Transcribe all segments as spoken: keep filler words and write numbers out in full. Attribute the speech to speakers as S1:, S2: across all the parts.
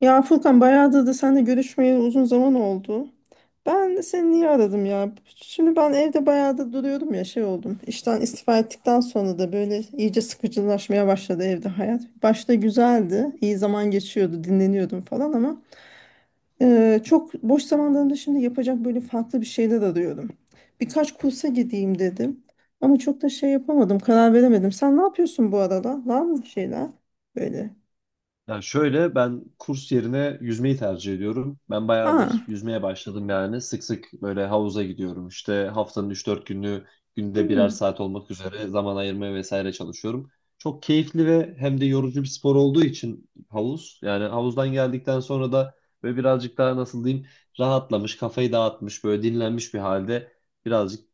S1: Ya Furkan bayağıdır da seninle görüşmeyeli uzun zaman oldu. Ben de seni niye aradım ya? Şimdi ben evde bayağıdır duruyorum ya şey oldum. İşten istifa ettikten sonra da böyle iyice sıkıcılaşmaya başladı evde hayat. Başta güzeldi, iyi zaman geçiyordu, dinleniyordum falan ama e, çok boş zamanlarımda şimdi yapacak böyle farklı bir şeyler arıyorum. Birkaç kursa gideyim dedim ama çok da şey yapamadım, karar veremedim. Sen ne yapıyorsun bu arada? Var mı bir şeyler böyle?
S2: Ya şöyle ben kurs yerine yüzmeyi tercih ediyorum. Ben bayağıdır
S1: Aa,
S2: yüzmeye başladım yani. Sık sık böyle havuza gidiyorum. İşte haftanın üç dört günü, günde birer
S1: hmm.
S2: saat olmak üzere zaman ayırmaya vesaire çalışıyorum. Çok keyifli ve hem de yorucu bir spor olduğu için havuz. Yani havuzdan geldikten sonra da böyle birazcık daha, nasıl diyeyim, rahatlamış, kafayı dağıtmış, böyle dinlenmiş bir halde birazcık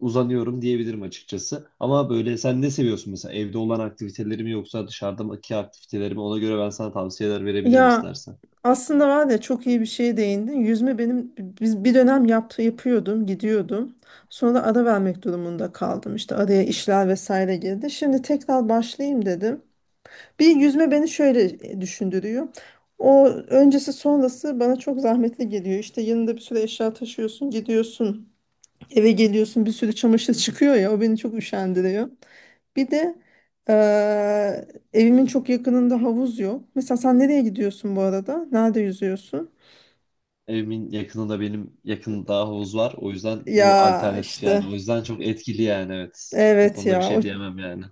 S2: uzanıyorum diyebilirim açıkçası. Ama böyle sen ne seviyorsun mesela, evde olan aktiviteleri mi yoksa dışarıdaki aktiviteleri mi? Ona göre ben sana tavsiyeler verebilirim
S1: Ya
S2: istersen.
S1: aslında var ya çok iyi bir şeye değindin. Yüzme benim biz bir dönem yaptı yapıyordum, gidiyordum. Sonra ara vermek durumunda kaldım. İşte araya işler vesaire girdi. Şimdi tekrar başlayayım dedim. Bir yüzme beni şöyle e, düşündürüyor. O öncesi sonrası bana çok zahmetli geliyor. İşte yanında bir sürü eşya taşıyorsun, gidiyorsun, eve geliyorsun, bir sürü çamaşır çıkıyor ya. O beni çok üşendiriyor. Bir de eee, evimin çok yakınında havuz yok. Mesela sen nereye gidiyorsun bu arada? Nerede yüzüyorsun?
S2: Evimin yakınında, benim yakında havuz var. O yüzden bu
S1: Ya
S2: alternatif yani.
S1: işte
S2: O yüzden çok etkili yani, evet. O
S1: evet
S2: konuda bir
S1: ya o,
S2: şey diyemem yani.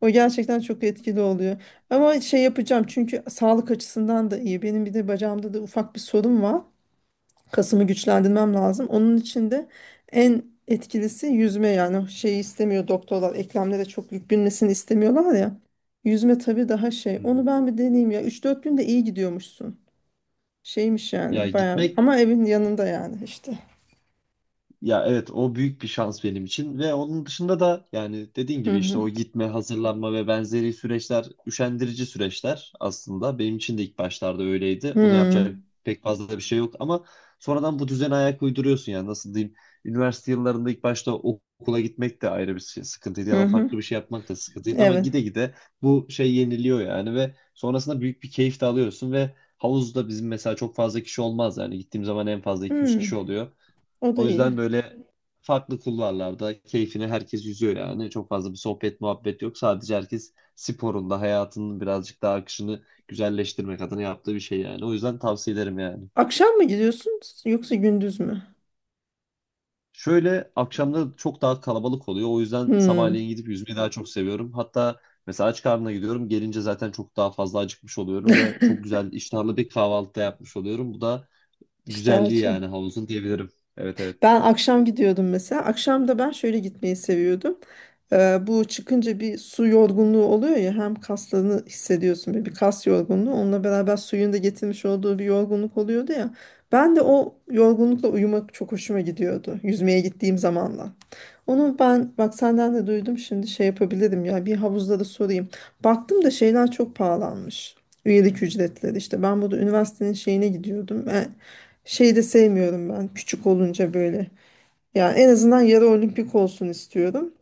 S1: o gerçekten çok etkili oluyor. Ama şey yapacağım çünkü sağlık açısından da iyi. Benim bir de bacağımda da ufak bir sorun var. Kasımı güçlendirmem lazım. Onun için de en etkilisi yüzme yani. O şeyi istemiyor, doktorlar eklemlere çok yük binmesini istemiyorlar ya. Yüzme tabii daha şey.
S2: Hmm.
S1: Onu ben bir deneyeyim ya. üç dört günde iyi gidiyormuşsun. Şeymiş
S2: Ya
S1: yani bayağı
S2: gitmek
S1: ama evin yanında yani işte.
S2: Ya evet, o büyük bir şans benim için. Ve onun dışında da yani dediğin
S1: Hı
S2: gibi, işte
S1: hı.
S2: o gitme, hazırlanma ve benzeri süreçler üşendirici süreçler aslında. Benim için de ilk başlarda öyleydi. Onu
S1: Hı
S2: yapacak pek fazla bir şey yok ama sonradan bu düzene ayak uyduruyorsun yani, nasıl diyeyim. Üniversite yıllarında ilk başta ok- okula gitmek de ayrı bir şey- sıkıntıydı, ya
S1: hı.
S2: da
S1: Hı.
S2: farklı bir şey yapmak da sıkıntıydı ama
S1: Evet.
S2: gide gide bu şey yeniliyor yani, ve sonrasında büyük bir keyif de alıyorsun. Ve havuzda bizim mesela çok fazla kişi olmaz yani, gittiğim zaman en fazla iki yüz
S1: Hı.
S2: kişi oluyor.
S1: O da
S2: O
S1: iyi.
S2: yüzden böyle farklı kulvarlarda keyfine herkes yüzüyor yani. Çok fazla bir sohbet muhabbet yok. Sadece herkes sporunda, hayatının birazcık daha akışını güzelleştirmek adına yaptığı bir şey yani. O yüzden tavsiye ederim yani.
S1: Akşam mı gidiyorsun yoksa gündüz mü?
S2: Şöyle, akşamları çok daha kalabalık oluyor. O yüzden
S1: Hı.
S2: sabahleyin gidip yüzmeyi daha çok seviyorum. Hatta mesela aç karnına gidiyorum. Gelince zaten çok daha fazla acıkmış oluyorum ve çok güzel iştahlı bir kahvaltı da yapmış oluyorum. Bu da
S1: İşte
S2: güzelliği
S1: açı.
S2: yani havuzun, diyebilirim. Evet, evet.
S1: Ben akşam gidiyordum mesela. Akşam da ben şöyle gitmeyi seviyordum. Ee, bu çıkınca bir su yorgunluğu oluyor ya, hem kaslarını hissediyorsun böyle, bir kas yorgunluğu. Onunla beraber suyun da getirmiş olduğu bir yorgunluk oluyordu ya. Ben de o yorgunlukla uyumak çok hoşuma gidiyordu. Yüzmeye gittiğim zamanla. Onu ben bak senden de duydum şimdi, şey yapabilirim ya, bir havuzda da sorayım. Baktım da şeyler çok pahalanmış. Üyelik ücretleri işte, ben burada üniversitenin şeyine gidiyordum. E, şeyi de sevmiyorum ben, küçük olunca böyle. Yani en azından yarı olimpik olsun istiyorum.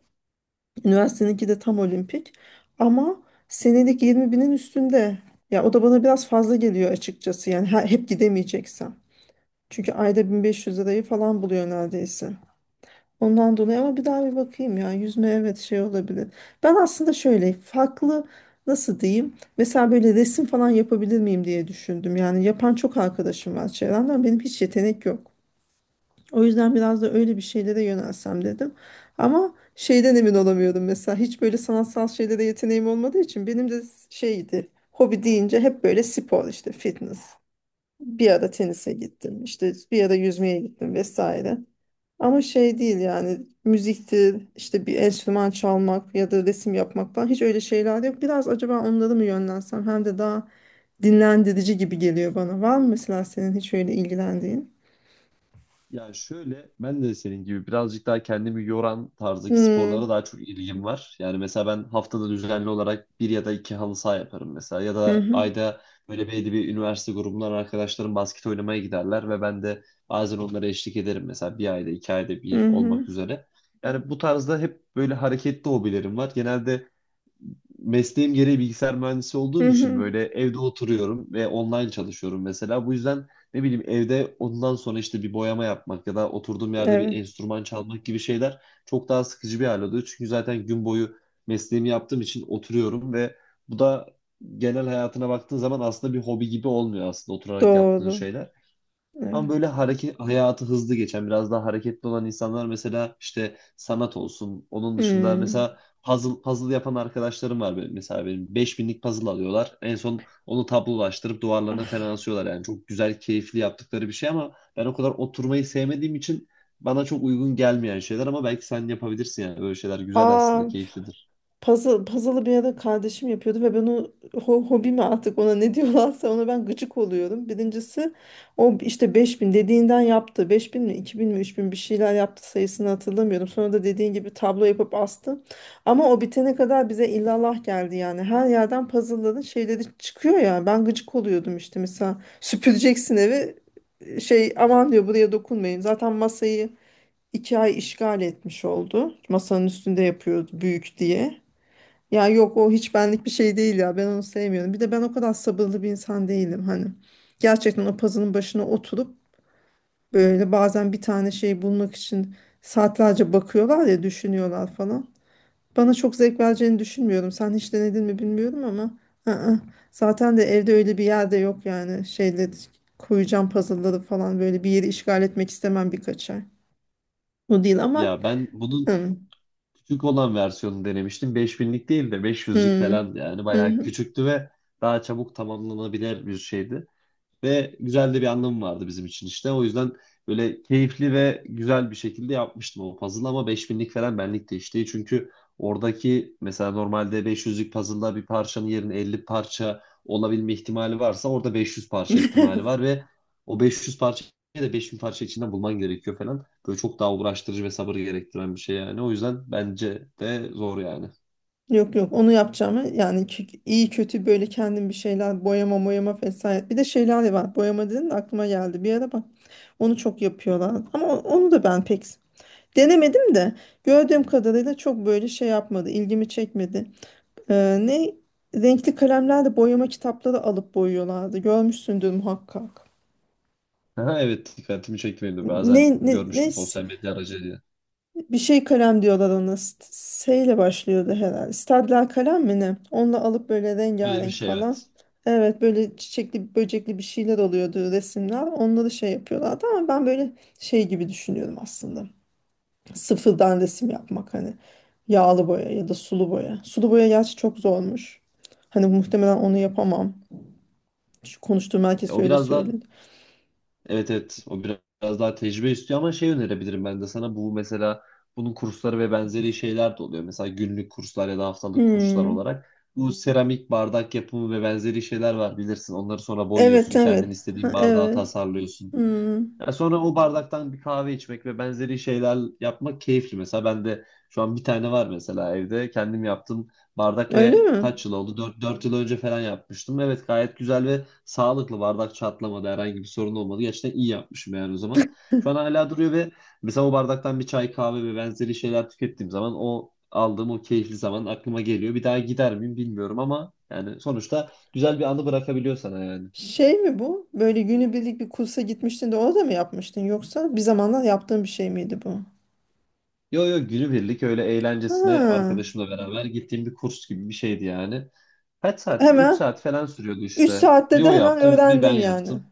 S1: Üniversiteninki de tam olimpik. Ama senelik yirmi binin üstünde. Ya o da bana biraz fazla geliyor açıkçası yani, he- hep gidemeyeceksem. Çünkü ayda bin beş yüz lirayı falan buluyor neredeyse. Ondan dolayı, ama bir daha bir bakayım ya, yüzme evet şey olabilir. Ben aslında şöyle farklı, nasıl diyeyim, mesela böyle resim falan yapabilir miyim diye düşündüm. Yani yapan çok arkadaşım var çevremden, benim hiç yetenek yok. O yüzden biraz da öyle bir şeylere yönelsem dedim. Ama şeyden emin olamıyorum mesela, hiç böyle sanatsal şeylere yeteneğim olmadığı için benim de. Şeydi, hobi deyince hep böyle spor işte, fitness. Bir ara tenise gittim, işte bir ara yüzmeye gittim vesaire. Ama şey değil yani, müziktir işte, bir enstrüman çalmak ya da resim yapmak falan, hiç öyle şeyler yok. Biraz acaba onları mı yönlensem, hem de daha dinlendirici gibi geliyor bana. Var mı mesela senin hiç öyle ilgilendiğin?
S2: Ya şöyle, ben de senin gibi birazcık daha kendimi yoran tarzdaki
S1: Hmm.
S2: sporlara daha çok ilgim var. Yani mesela ben haftada düzenli olarak bir ya da iki halı saha yaparım mesela. Ya
S1: Hı
S2: da
S1: hı.
S2: ayda böyle belli bir üniversite grubundan arkadaşlarım basket oynamaya giderler ve ben de bazen onlara eşlik ederim. Mesela bir ayda iki ayda
S1: Hı
S2: bir
S1: hı.
S2: olmak üzere. Yani bu tarzda hep böyle hareketli hobilerim var. Genelde mesleğim gereği bilgisayar mühendisi
S1: Hı
S2: olduğum için
S1: hı.
S2: böyle evde oturuyorum ve online çalışıyorum mesela. Bu yüzden ne bileyim, evde ondan sonra işte bir boyama yapmak ya da oturduğum yerde bir
S1: Evet.
S2: enstrüman çalmak gibi şeyler çok daha sıkıcı bir hal oluyor. Çünkü zaten gün boyu mesleğimi yaptığım için oturuyorum ve bu da, genel hayatına baktığın zaman aslında bir hobi gibi olmuyor aslında, oturarak yaptığın
S1: Doğru.
S2: şeyler. Ama böyle
S1: Evet.
S2: hareket hayatı hızlı geçen, biraz daha hareketli olan insanlar mesela işte sanat olsun. Onun dışında
S1: Hmm.
S2: mesela puzzle puzzle yapan arkadaşlarım var benim. Mesela benim beş binlik puzzle alıyorlar. En son onu tablolaştırıp duvarlarına falan
S1: Ah.
S2: asıyorlar. Yani çok güzel, keyifli yaptıkları bir şey ama ben o kadar oturmayı sevmediğim için bana çok uygun gelmeyen şeyler. Ama belki sen yapabilirsin yani, böyle şeyler güzel
S1: Aa.
S2: aslında, keyiflidir.
S1: Puzzle, puzzle'ı bir ara kardeşim yapıyordu ve ben o ho- hobi mi artık, ona ne diyorlarsa, ona ben gıcık oluyorum. Birincisi, o işte beş bin dediğinden yaptı. Beş bin mi, iki bin mi, üç bin bir şeyler yaptı, sayısını hatırlamıyorum. Sonra da dediğin gibi tablo yapıp astı. Ama o bitene kadar bize illallah geldi yani. Her yerden puzzle'ların şeyleri çıkıyor ya. Ben gıcık oluyordum işte, mesela süpüreceksin evi, şey aman diyor, buraya dokunmayın. Zaten masayı iki ay işgal etmiş oldu. Masanın üstünde yapıyordu, büyük diye. Ya yok, o hiç benlik bir şey değil ya. Ben onu sevmiyorum. Bir de ben o kadar sabırlı bir insan değilim hani. Gerçekten o puzzle'ın başına oturup böyle bazen bir tane şey bulmak için saatlerce bakıyorlar ya, düşünüyorlar falan. Bana çok zevk vereceğini düşünmüyorum. Sen hiç denedin mi bilmiyorum ama. I-ı. Zaten de evde öyle bir yerde yok yani. Şeyle, koyacağım puzzle'ları falan, böyle bir yeri işgal etmek istemem birkaç ay. O değil ama.
S2: Ya ben bunun
S1: Hı.
S2: küçük olan versiyonu denemiştim. beş binlik değil de beş yüzlük
S1: Hı.
S2: falan, yani
S1: Hı
S2: bayağı
S1: hı.
S2: küçüktü ve daha çabuk tamamlanabilir bir şeydi. Ve güzel de bir anlamı vardı bizim için işte. O yüzden böyle keyifli ve güzel bir şekilde yapmıştım o puzzle, ama beş binlik falan benlik de işte. Çünkü oradaki, mesela normalde beş yüzlük puzzle'da bir parçanın yerine elli parça olabilme ihtimali varsa, orada beş yüz parça ihtimali var ve o beş yüz parçayı da beş bin parça içinden bulman gerekiyor falan. Böyle çok daha uğraştırıcı ve sabır gerektiren bir şey yani. O yüzden bence de zor yani.
S1: Yok yok, onu yapacağım. Yani kü- iyi kötü böyle kendim bir şeyler, boyama boyama vesaire. Bir de şeyler var. Boyama dedin de aklıma geldi. Bir ara bak, onu çok yapıyorlar. Ama o- onu da ben pek denemedim de, gördüğüm kadarıyla çok böyle şey yapmadı, ilgimi çekmedi. Ee, ne renkli kalemlerle boyama kitapları alıp boyuyorlardı. Görmüşsündür muhakkak.
S2: Aha, evet, dikkatimi çekti benim de.
S1: Ne,
S2: Bazen
S1: ne, ne
S2: görmüştüm sosyal medya aracılığıyla.
S1: bir şey kalem diyorlar ona. St- S ile başlıyordu herhalde. Stadler kalem mi ne? Onunla alıp böyle
S2: Öyle bir
S1: rengarenk
S2: şey,
S1: falan.
S2: evet.
S1: Evet, böyle çiçekli böcekli bir şeyler oluyordu resimler. Onları şey yapıyorlardı, ama ben böyle şey gibi düşünüyorum aslında. Sıfırdan resim yapmak hani. Yağlı boya ya da sulu boya. Sulu boya gerçi çok zormuş. Hani muhtemelen onu yapamam. Şu konuştuğum
S2: E,
S1: herkes
S2: O
S1: öyle
S2: biraz daha
S1: söyledi.
S2: Evet evet, o biraz daha tecrübe istiyor ama şey önerebilirim ben de sana, bu mesela, bunun kursları ve benzeri şeyler de oluyor. Mesela günlük kurslar ya da haftalık kurslar
S1: Hmm.
S2: olarak. Bu seramik bardak yapımı ve benzeri şeyler var bilirsin. Onları sonra
S1: Evet,
S2: boyuyorsun. Kendin
S1: evet.
S2: istediğin
S1: Ha,
S2: bardağı
S1: evet.
S2: tasarlıyorsun.
S1: Hmm.
S2: Ya sonra o bardaktan bir kahve içmek ve benzeri şeyler yapmak keyifli. Mesela ben de şu an bir tane var mesela evde. Kendim yaptım bardak
S1: Öyle
S2: ve
S1: mi?
S2: kaç yıl oldu? dört dört yıl önce falan yapmıştım. Evet, gayet güzel ve sağlıklı. Bardak çatlamadı. Herhangi bir sorun olmadı. Gerçekten iyi yapmışım yani o zaman. Şu an hala duruyor ve mesela o bardaktan bir çay, kahve ve benzeri şeyler tükettiğim zaman o aldığım o keyifli zaman aklıma geliyor. Bir daha gider miyim bilmiyorum ama yani sonuçta güzel bir anı bırakabiliyor sana yani.
S1: Şey mi bu? Böyle günübirlik bir kursa gitmiştin de orada mı yapmıştın, yoksa bir zamanlar yaptığın bir şey miydi bu?
S2: Yo yo, günübirlik, öyle
S1: Ha,
S2: eğlencesine arkadaşımla beraber gittiğim bir kurs gibi bir şeydi yani. Kaç saatti, üç
S1: hemen.
S2: saat falan sürüyordu
S1: Üç
S2: işte. Bir
S1: saatte de
S2: o
S1: hemen
S2: yaptı, bir ben
S1: öğrendin yani.
S2: yaptım.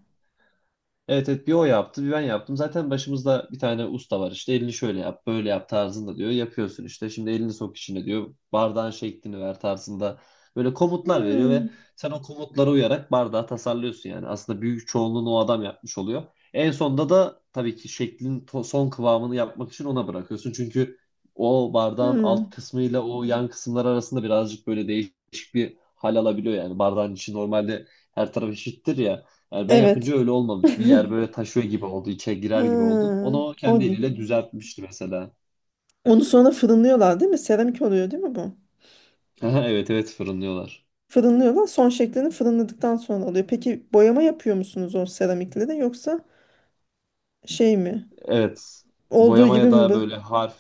S2: Evet evet, bir o yaptı bir ben yaptım. Zaten başımızda bir tane usta var işte, elini şöyle yap, böyle yap tarzında diyor. Yapıyorsun işte, şimdi elini sok içine diyor. Bardağın şeklini ver tarzında. Böyle komutlar veriyor ve
S1: Hmm,
S2: sen o komutlara uyarak bardağı tasarlıyorsun yani. Aslında büyük çoğunluğunu o adam yapmış oluyor. En sonunda da tabii ki şeklin, to- son kıvamını yapmak için ona bırakıyorsun. Çünkü o bardağın alt
S1: hmm.
S2: kısmıyla o yan kısımlar arasında birazcık böyle değişik bir hal alabiliyor yani. Bardağın içi normalde her taraf eşittir ya. Yani ben yapınca
S1: Evet.
S2: öyle olmadı. Bir yer böyle taşıyor gibi oldu, içe girer gibi oldu.
S1: Ha,
S2: Onu o
S1: o,
S2: kendi eliyle düzeltmişti mesela.
S1: onu sonra fırınlıyorlar değil mi? Seramik oluyor değil mi bu?
S2: Evet evet, fırınlıyorlar.
S1: Fırınlıyorlar. Son şeklini fırınladıktan sonra oluyor. Peki boyama yapıyor musunuz o seramikleri, yoksa şey mi?
S2: Evet.
S1: Olduğu gibi
S2: Boyamaya
S1: mi
S2: da
S1: bu?
S2: böyle harf,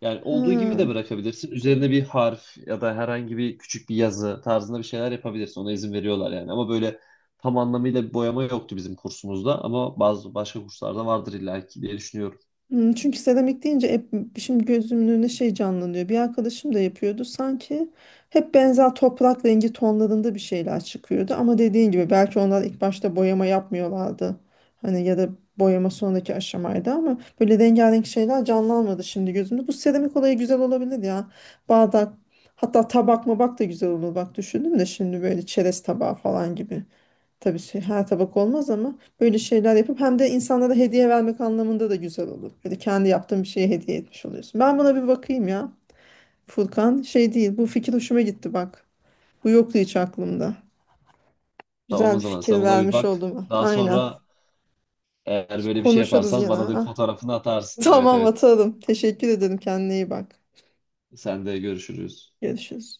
S2: yani
S1: Ha.
S2: olduğu gibi de bırakabilirsin. Üzerine bir harf ya da herhangi bir küçük bir yazı tarzında bir şeyler yapabilirsin. Ona izin veriyorlar yani. Ama böyle tam anlamıyla bir boyama yoktu bizim kursumuzda, ama bazı başka kurslarda vardır illaki diye düşünüyorum.
S1: Hmm, çünkü seramik deyince hep şimdi gözümün önüne şey canlanıyor. Bir arkadaşım da yapıyordu. Sanki hep benzer toprak rengi tonlarında bir şeyler çıkıyordu. Ama dediğin gibi belki onlar ilk başta boyama yapmıyorlardı. Hani ya da boyama sonraki aşamaydı, ama böyle rengarenk şeyler canlanmadı şimdi gözümde. Bu seramik olayı güzel olabilir ya. Bardak, hatta tabak mı bak, da güzel olur bak, düşündüm de şimdi, böyle çerez tabağı falan gibi. Tabii şey, her tabak olmaz, ama böyle şeyler yapıp hem de insanlara hediye vermek anlamında da güzel olur. Böyle kendi yaptığın bir şeye, hediye etmiş oluyorsun. Ben buna bir bakayım ya. Furkan, şey değil, bu fikir hoşuma gitti bak. Bu yoktu hiç aklımda.
S2: Tamam,
S1: Güzel
S2: o
S1: bir
S2: zaman sen
S1: fikir
S2: buna bir
S1: vermiş
S2: bak.
S1: oldum.
S2: Daha
S1: Aynen.
S2: sonra eğer böyle bir şey
S1: Konuşuruz
S2: yaparsan
S1: gene.
S2: bana da bir
S1: Ah.
S2: fotoğrafını atarsın. Evet,
S1: Tamam
S2: evet.
S1: atalım. Teşekkür ederim. Kendine iyi bak.
S2: Sen de, görüşürüz.
S1: Görüşürüz.